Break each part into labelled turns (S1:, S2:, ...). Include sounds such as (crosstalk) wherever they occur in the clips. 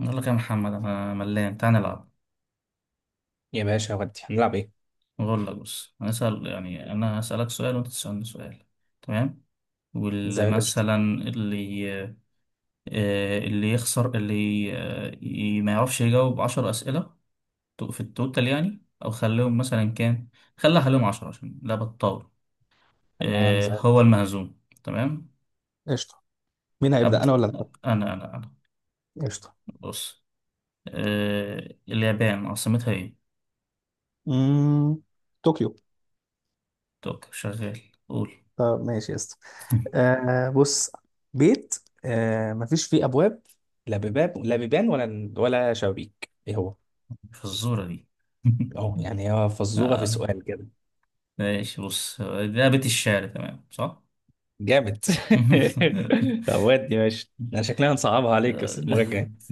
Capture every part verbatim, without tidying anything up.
S1: أقول لك يا محمد، أنا ملان، تعال نلعب.
S2: يا باشا ودي هنلعب ايه؟
S1: أقول لك، بص، هنسأل يعني. أنا هسألك سؤال وأنت تسألني سؤال. تمام.
S2: زي القشطة.
S1: ومثلا اللي آه، اللي يخسر، اللي آه، ي- ما يعرفش يجاوب عشر أسئلة تو- في التوتال يعني، أو خليهم مثلا كام؟ خليها خليهم عشرة عشان لعبة الطاولة.
S2: تمام،
S1: آه،
S2: زي
S1: هو
S2: القشطة.
S1: المهزوم، تمام.
S2: قشطة. مين هيبدأ، أنا
S1: أبدأ.
S2: ولا أنت؟
S1: أنا أنا أنا.
S2: قشطة.
S1: بص، آه، اليابان عاصمتها إيه؟
S2: مم... طوكيو.
S1: توك شغال. قول.
S2: طب ماشي يا اسطى.
S1: (laughs)
S2: آه بص، بيت، آه مفيش فيه أبواب، لا بيبان، لا بيبان ولا ولا شبابيك، ايه هو؟
S1: في الزورة دي.
S2: اه يعني هي فزورة في
S1: (laughs)
S2: سؤال كده
S1: ماشي، بص، لعبة الشعر، تمام، صح؟
S2: جامد. (laughs)
S1: (laughs)
S2: طب ودي ماشي، انا شكلها هنصعبها عليك بس المرة الجاية.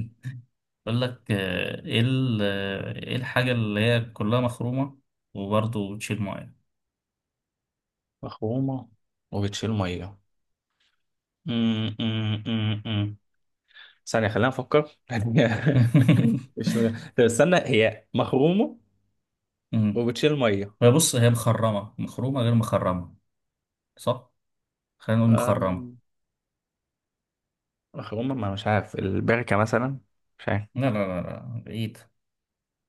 S1: أقول لك، آه، إيه ال- آه، إيه الحاجة اللي هي كلها مخرومة وبرضه بتشيل مية؟
S2: مخرومة وبتشيل مية. (laughs) ثانية خلينا نفكر. (laughs)
S1: (laughs)
S2: مش، طب استنى، هي مخرومة
S1: مم.
S2: وبتشيل مية.
S1: هي بص، هي مخرمة، مخرومة غير مخرمة، صح؟ خلينا نقول مخرمة.
S2: أم، مخرومة، ما مش عارف، البركة مثلا؟ مش عارف.
S1: لا لا لا لا، بعيد.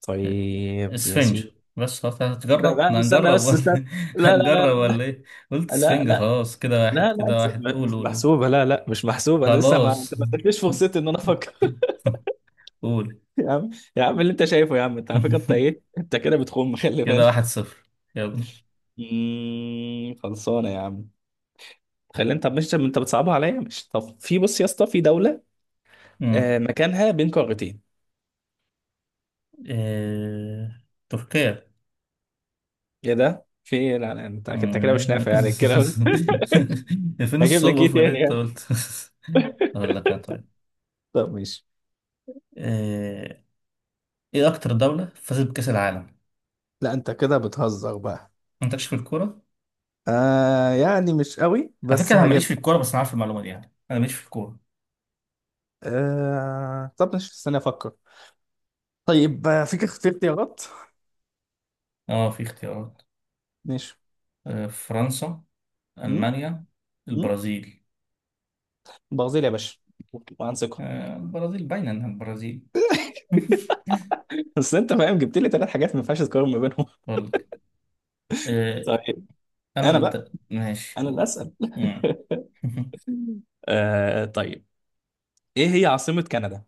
S2: طيب يا
S1: اسفنج.
S2: سيدي.
S1: بس خلاص،
S2: لا
S1: هتجرب
S2: لا،
S1: احنا
S2: استنى
S1: هنجرب
S2: بس،
S1: ولا؟
S2: استنى.
S1: (laughs)
S2: لا لا
S1: هنجرب ولا ايه؟ قلت
S2: لا لا
S1: اسفنج
S2: لا
S1: خلاص. كده واحد،
S2: لا لا،
S1: كده واحد.
S2: م-
S1: قول
S2: مش
S1: قول قول.
S2: محسوبة، لا لا، مش محسوبة، أنا لسه، ما
S1: خلاص.
S2: أنت ما ادتنيش فرصتي إن أنا أفكر.
S1: (laughs) قول.
S2: (laughs) يا عم، يا عم اللي أنت شايفه، يا عم أنت على فكرة، أنت إيه،
S1: (laughs)
S2: أنت كده بتخم، خلي
S1: كده واحد
S2: بالك.
S1: صفر يلا.
S2: مم، خلصانة يا عم. خلي، أنت مش، أنت بتصعبها عليا، مش، طب في، بص يا اسطى، في دولة،
S1: مم.
S2: آه، مكانها بين قارتين.
S1: إيه... تركيا.
S2: يا ده في إيه؟ لا لا، انت انت كده مش
S1: مم.
S2: نافع يعني الكلام
S1: (laughs)
S2: ده.
S1: فين
S2: (laughs) هجيب لك ايه
S1: الصوبة ولا
S2: تاني
S1: انت
S2: يعني؟
S1: قلت؟ (laughs) اقول لك انا، طيب.
S2: طب ماشي.
S1: إيه... ايه اكتر دولة فازت بكأس العالم؟
S2: لا انت كده بتهزر بقى.
S1: انت مالكش في الكورة.
S2: آه يعني مش قوي
S1: على فكرة
S2: بس
S1: انا ماليش في
S2: هجيبها.
S1: الكورة، بس انا عارف المعلومة دي يعني، انا ماليش في الكورة.
S2: آه طب مش، استنى افكر. طيب، آه، فيك اختيار، اختيارات.
S1: اه، في اختيارات.
S2: ماشي.
S1: آه، فرنسا،
S2: امم
S1: المانيا،
S2: امم
S1: البرازيل.
S2: برازيل يا باشا، وعن ثقة.
S1: آه، البرازيل باينة انها البرازيل. (laughs)
S2: (laughs) بس انت فاهم، جبت لي ثلاث حاجات ما ينفعش تقارن ما بينهم. (laughs)
S1: اقول لك، آه،
S2: طيب،
S1: انا
S2: انا بقى،
S1: ضد. ماشي،
S2: انا اللي
S1: قول.
S2: اسال.
S1: مم. (laughs)
S2: (laughs) آه طيب، ايه هي عاصمة كندا؟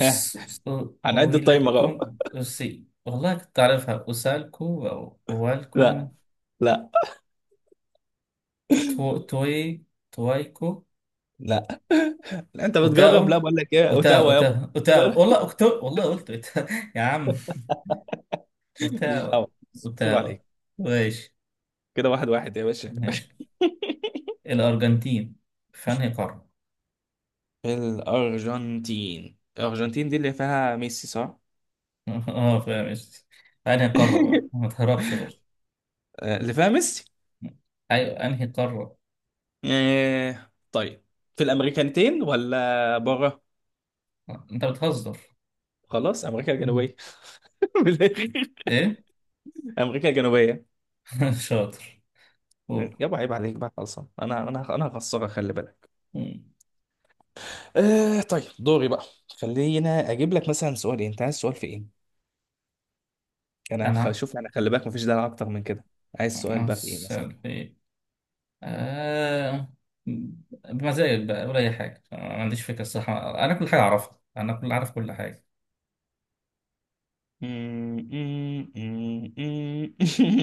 S2: ها،
S1: أ-
S2: هنعد التايمر اهو.
S1: أويلكم. أسي، والله كنت أعرفها. أسالكو أو
S2: (laughs) لا
S1: أوالكم.
S2: لا
S1: تو... توي تويكو.
S2: لا. (laughs) لا، انت بتجرب،
S1: أوتاو
S2: لا بقول لك ايه،
S1: أوتاو
S2: اوتاوا يابا.
S1: أوتاو
S2: لا لا،
S1: أوتاو، والله أكتو، والله قلت أوتاو. (laughs) يا عم.
S2: ماليش
S1: أوتاو.
S2: دعوه، صوب
S1: أوتاو.
S2: عليك.
S1: ماشي.
S2: كده واحد واحد يا باشا.
S1: ماشي. الأرجنتين في أنهي قارة؟
S2: الارجنتين، الارجنتين دي اللي فيها ميسي صح؟
S1: (laughs) أه، فاهم قصدي. في أنهي قارة بقى؟
S2: (laughs)
S1: ما تهربش برضه.
S2: آه، اللي فيها ميسي.
S1: أيوة، أنهي قارة؟
S2: آه، طيب، في الامريكانتين ولا بره؟
S1: أنت بتهزر.
S2: خلاص، امريكا الجنوبيه. (laughs) من الآخر.
S1: ايه.
S2: امريكا الجنوبيه.
S1: (laughs) شاطر. قول.
S2: يابا عيب عليك بقى، خلصان، انا انا انا هخسرك خلي بالك.
S1: مم.
S2: آه طيب، دوري بقى. خلينا اجيب لك مثلا سؤال إيه، انت عايز سؤال في ايه؟ انا
S1: انا
S2: هشوف، انا خلي بالك مفيش دلع اكتر من كده. عايز سؤال بقى في ايه مثلا؟
S1: اسال في ايه. آه... بمزاجك بقى ولا اي حاجه. أنا ما عنديش فكره الصح. انا كل حاجه اعرفها، انا كل عارف كل حاجه.
S2: (laughs)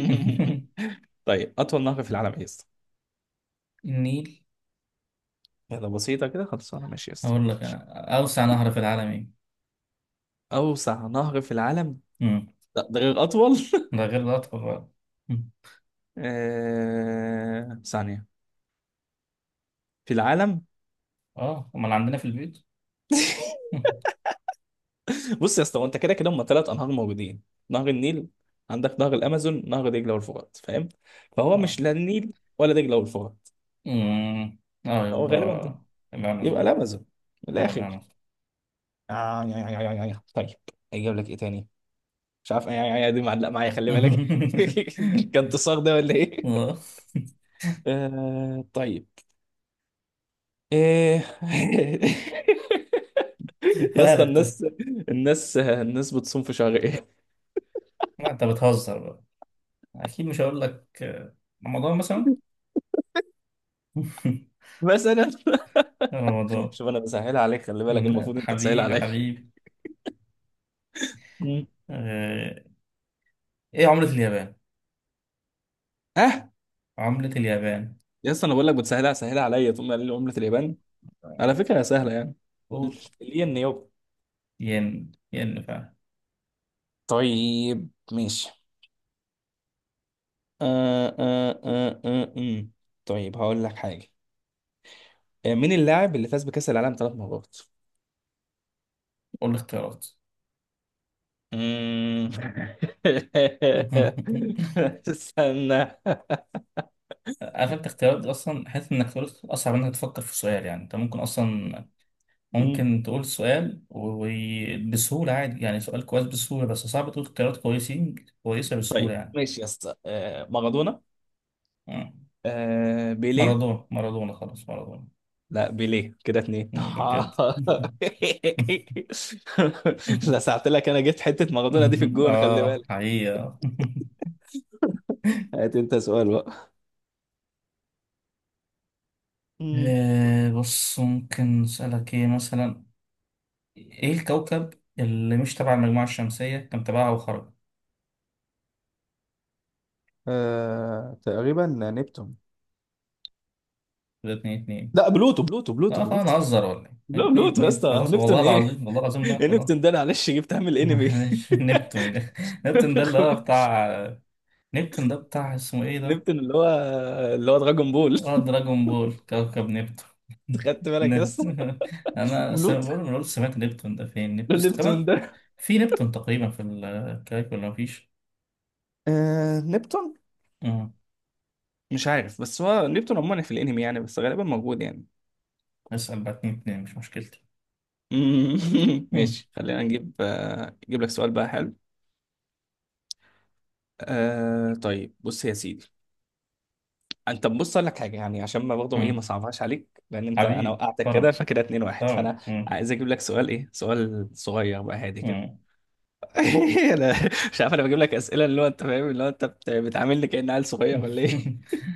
S1: (laughs)
S2: طيب، اطول نهر في العالم ايه يا اسطى؟
S1: النيل.
S2: يلا، بسيطه كده، خلاص انا ماشي يا اسطى.
S1: هقول لك انا، اوسع نهر في العالم ايه؟
S2: اوسع نهر في العالم؟
S1: مم.
S2: لا، ده غير اطول.
S1: ده غير الاطول بقى. مم.
S2: آه... ثانيه، في العالم.
S1: اه، امال عندنا في البيت.
S2: (laughs)
S1: (laughs) مم.
S2: بص يا اسطى، هو انت كده كده، هم ثلاث انهار موجودين: نهر النيل، عندك نهر الامازون، نهر دجله والفرات، فاهم؟ فهو
S1: اه.
S2: مش، لا النيل ولا دجله والفرات،
S1: مم. اه،
S2: هو
S1: يبقى
S2: غالبا ده، يبقى
S1: الامازون.
S2: الامازون. من
S1: اه،
S2: الاخر.
S1: الامازون.
S2: آه يا يا يا يا يا. طيب، اجيب لك ايه تاني؟ مش عارف، يا يا يا دي معلقه معايا خلي بالك.
S1: (laughs)
S2: (laughs) كان تصاغ ده ولا ايه؟
S1: آه.
S2: آه طيب، ايه؟ (laughs) يا اسطى،
S1: مالك؟ طيب.
S2: الناس، الناس الناس بتصوم في شهر ايه؟
S1: ما انت بتهزر بقى، اكيد مش هقول لك، آه، رمضان مثلا. (laughs)
S2: مثلا. (laughs)
S1: رمضان.
S2: شوف، انا بسهلها عليك خلي بالك،
S1: مم، لا
S2: المفروض انت تسهل
S1: حبيبي
S2: عليا.
S1: حبيبي.
S2: مم.
S1: آه، ايه عملة اليابان؟
S2: اه
S1: عملة اليابان.
S2: يا اسطى، انا بقول لك بتسهلها، سهلها عليا، تقوم قايل لي عملة اليابان، على فكرة هي سهلة يعني،
S1: قول.
S2: الين يابا.
S1: ين، ين فعلا.
S2: طيب ماشي. آه آه آه آه آه. طيب هقول لك حاجة. آه، مين اللاعب اللي فاز بكأس العالم ثلاث مرات؟
S1: قول الاختيارات.
S2: مم.
S1: (laughs)
S2: (laughs) استنى.
S1: عارف انت اختيارات اصلا، حاسس انك تقول، اصعب انك تفكر في السؤال يعني. انت ممكن اصلا
S2: مم.
S1: ممكن تقول السؤال وبسهولة عادي يعني، سؤال كويس بسهولة، بس صعب تقول اختيارات كويسين كويسة بسهولة
S2: طيب
S1: يعني.
S2: ماشي يا اسطى، آه، مارادونا،
S1: مم.
S2: آه، بيليه.
S1: مارادونا، مارادونا خلاص، مارادونا.
S2: لا بيليه كده اتنين.
S1: مم،
S2: (laughs)
S1: ده بجد. (laughs) (laughs)
S2: لا ساعت لك، انا جبت حتة مارادونا دي في الجون، خلي
S1: اه
S2: بالك.
S1: حقيقة. (laughs)
S2: هات انت سؤال بقى. مم.
S1: آه، بص، ممكن أسألك ايه مثلا. ايه الكوكب اللي مش تبع المجموعة الشمسية، كان تبعها وخرج؟
S2: آه، تقريبا نبتون.
S1: ده اتنين اتنين.
S2: لا، بلوتو بلوتو بلوتو
S1: لا خلاص،
S2: بلوتو.
S1: نهزر ولا ايه؟
S2: لا،
S1: اتنين
S2: بلوتو يا
S1: اتنين
S2: اسطى، هو
S1: خلاص، والله
S2: نبتون ايه؟
S1: العظيم، والله العظيم، لا
S2: (laughs)
S1: خلاص.
S2: نبتون ده معلش جبتها من
S1: (laughs)
S2: الانمي.
S1: مش نبتون. (laughs) نبتون ده اللي هو
S2: (laughs)
S1: بتاع. نبتون ده بتاع اسمه ايه ده؟
S2: نبتون اللي هو، اللي هو دراجون بول.
S1: اه، دراجون بول كوكب نبتون.
S2: (laughs) خدت
S1: (laughs)
S2: بالك يا
S1: ن-
S2: اسطى؟
S1: (laughs) انا س-
S2: ملوت.
S1: بقول
S2: (laughs)
S1: بقول سمعت نبتون ده، فين
S2: نبتون
S1: نبتون؟
S2: ده،
S1: في نبتون تقريبا في الكايك ولا مفيش؟
S2: آه... نبتون،
S1: مم.
S2: مش عارف، بس هو نبتون عموما في الانمي يعني، بس غالبا موجود يعني.
S1: اسأل بقى، اتنين اتنين مش مشكلتي.
S2: (laughs)
S1: مم.
S2: ماشي، خلينا نجيب، آه... نجيب لك سؤال بقى حلو. آه... طيب بص يا سيدي. انت بص، اقول لك حاجه يعني، عشان ما برضه ايه،
S1: مم.
S2: ما صعبهاش عليك، لان انت، انا
S1: حبيب
S2: وقعتك كده،
S1: كرم.
S2: فكده اتنين واحد فانا
S1: كرم. مم.
S2: عايز اجيب لك سؤال ايه، سؤال صغير بقى هادي كده.
S1: مم.
S2: (laughs) انا مش عارف، انا بجيب لك اسئله اللي هو انت فاهم، اللي هو انت بت- بتعاملني كأن عيل صغير ولا ايه
S1: (laughs)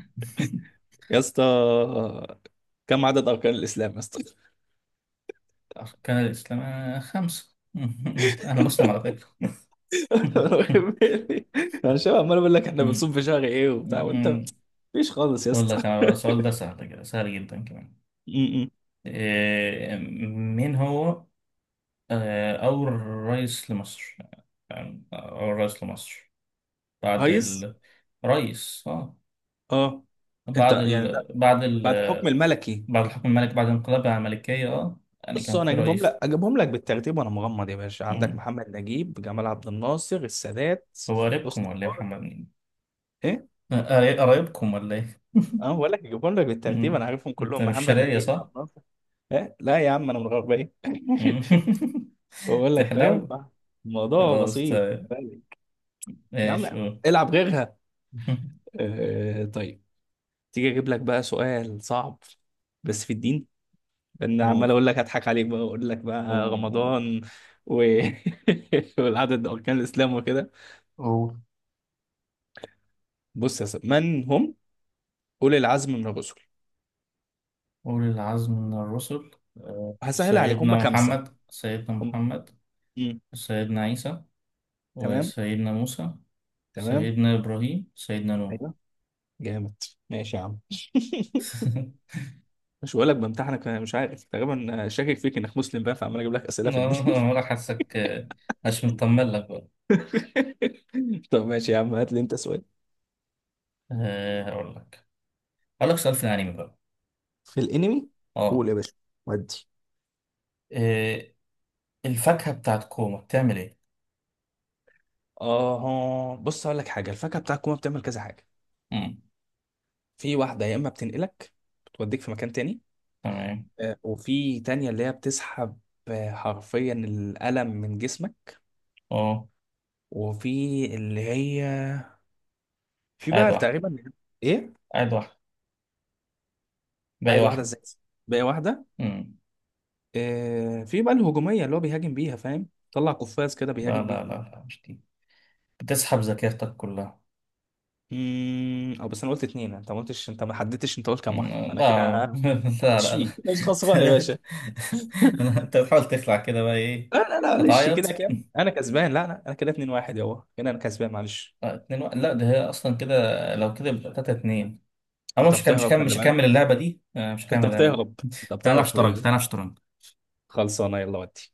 S2: يا اسطى؟ كم عدد اركان الاسلام يا اسطى؟ (laughs)
S1: أركان الإسلام آه، خمسة. (laughs) مم. أنا مسلم على فكرة. (laughs)
S2: انا شبه عمال اقول لك احنا بنصوم
S1: مم.
S2: في شهر ايه وبتاع وانت،
S1: مم.
S2: مفيش خالص يا
S1: أقول
S2: اسطى.
S1: لك أنا
S2: (laughs)
S1: بقى، السؤال ده سهل، كده سهل جدا كمان.
S2: م-م.
S1: إيه، مين هو آه، أول رئيس لمصر؟ آه، أول رئيس لمصر بعد
S2: كويس.
S1: الرئيس،
S2: اه. انت
S1: بعد
S2: يعني ده
S1: ال... بعد ال...
S2: بعد حكم الملكي؟
S1: بعد الحكم الملكي، بعد الانقلاب على الملكية، اه يعني
S2: بص
S1: كان
S2: انا
S1: في
S2: اجيبهم
S1: رئيس.
S2: لك، اجيبهم لك بالترتيب وانا مغمض يا باشا: عندك
S1: مم.
S2: محمد نجيب، جمال عبد الناصر، السادات،
S1: هو قريبكم
S2: حسني
S1: ولا ايه يا
S2: مبارك.
S1: محمد نجيب؟ قري- قرايبكم ولا ايه؟
S2: اه بقول لك جيبهم لك بالترتيب، انا
S1: مم.
S2: عارفهم
S1: انت
S2: كلهم،
S1: مش
S2: محمد
S1: شرقية،
S2: نجيب، عبد
S1: صح؟
S2: الناصر. إيه؟ لا يا عم انا من الغربيه.
S1: مم. (laughs)
S2: (laughs) بقول لك فاهم
S1: تحلو.
S2: الموضوع
S1: خلاص،
S2: بسيط
S1: طيب.
S2: خلي بالك. يا عم،
S1: ماشي، قول.
S2: العب غيرها.
S1: (laughs)
S2: آه طيب، تيجي اجيب لك بقى سؤال صعب، بس في الدين، لان
S1: قول
S2: عمال اقول لك هضحك عليك بقى، اقول لك بقى
S1: قول قول.
S2: رمضان و... (laughs) والعدد اركان الاسلام وكده.
S1: أوه.
S2: بص يا سيدي، من هم اولي العزم من الرسل؟
S1: قول العزم من الرسل. آه،
S2: هسهل عليك، هم
S1: سيدنا
S2: خمسه،
S1: محمد، سيدنا
S2: هم،
S1: محمد،
S2: مم.
S1: سيدنا عيسى،
S2: تمام،
S1: وسيدنا موسى،
S2: تمام.
S1: سيدنا إبراهيم، سيدنا نوح.
S2: أيوه، جامد. ماشي يا عم.
S1: (laughs)
S2: (laughs) مش بقول لك بامتحنك، انا مش عارف، تقريبا شاكك فيك انك مسلم بقى، فعمال اجيب لك اسئله في الدين.
S1: آه، ولا حاسك آه، مش مطمن لك بقى.
S2: (laughs) طب ماشي يا عم، هات لي انت سؤال.
S1: آه، هقول لك، هقول لك سؤال في الأنمي بقى.
S2: في الانمي؟ قول
S1: اه.
S2: يا باشا، ودي.
S1: آه، الفاكهة بتاعت كوما بتعمل ايه؟
S2: اه بص، هقول لك حاجه، الفاكهه بتاع الكوما بتعمل كذا حاجه:
S1: مم.
S2: في واحده يا اما بتنقلك، بتوديك في مكان تاني،
S1: تمام.
S2: آه، وفي تانية اللي هي بتسحب، آه، حرفيا الألم من جسمك،
S1: اه.
S2: وفي اللي هي، في
S1: قاعد
S2: بقى
S1: واحدة.
S2: تقريبا، ايه
S1: قاعد واحدة. باقي
S2: عايز واحده
S1: واحدة.
S2: ازاي؟ بقى واحده،
S1: مم.
S2: آه، في بقى الهجوميه اللي هو بيهاجم بيها فاهم، طلع قفاز كده
S1: لا
S2: بيهاجم
S1: لا
S2: بيه.
S1: لا لا، مش دي. بتسحب ذاكرتك كلها.
S2: امم او بس، انا قلت اتنين، انت ما قلتش، انت ما حددتش، انت قلت كام واحده،
S1: مم،
S2: فانا كده
S1: لا. (laughs) لا
S2: مش
S1: لا لا.
S2: فيه، مش خسران يا باشا.
S1: (laughs) انت بتحاول تخلع كده بقى ايه.
S2: لا لا لا معلش، كده
S1: هتعيط.
S2: كام، انا كسبان، لا لا، انا كده اتنين واحد يابا، كده انا كسبان، معلش.
S1: آه، اتنين واحد. لا ده هي اصلا كده. لو كده يبقى تلاتة اتنين. أنا
S2: انت
S1: مش هكمل، مش
S2: بتهرب
S1: هكمل،
S2: خلي
S1: مش
S2: بالك،
S1: هكمل اللعبة دي. آه، مش
S2: انت
S1: هكمل اللعبة دي.
S2: بتهرب، انت
S1: تعالى نلعب
S2: بتهرب خلي
S1: شطرنج،
S2: بالك.
S1: تعالى نلعب شطرنج.
S2: خلصانه يلا ودي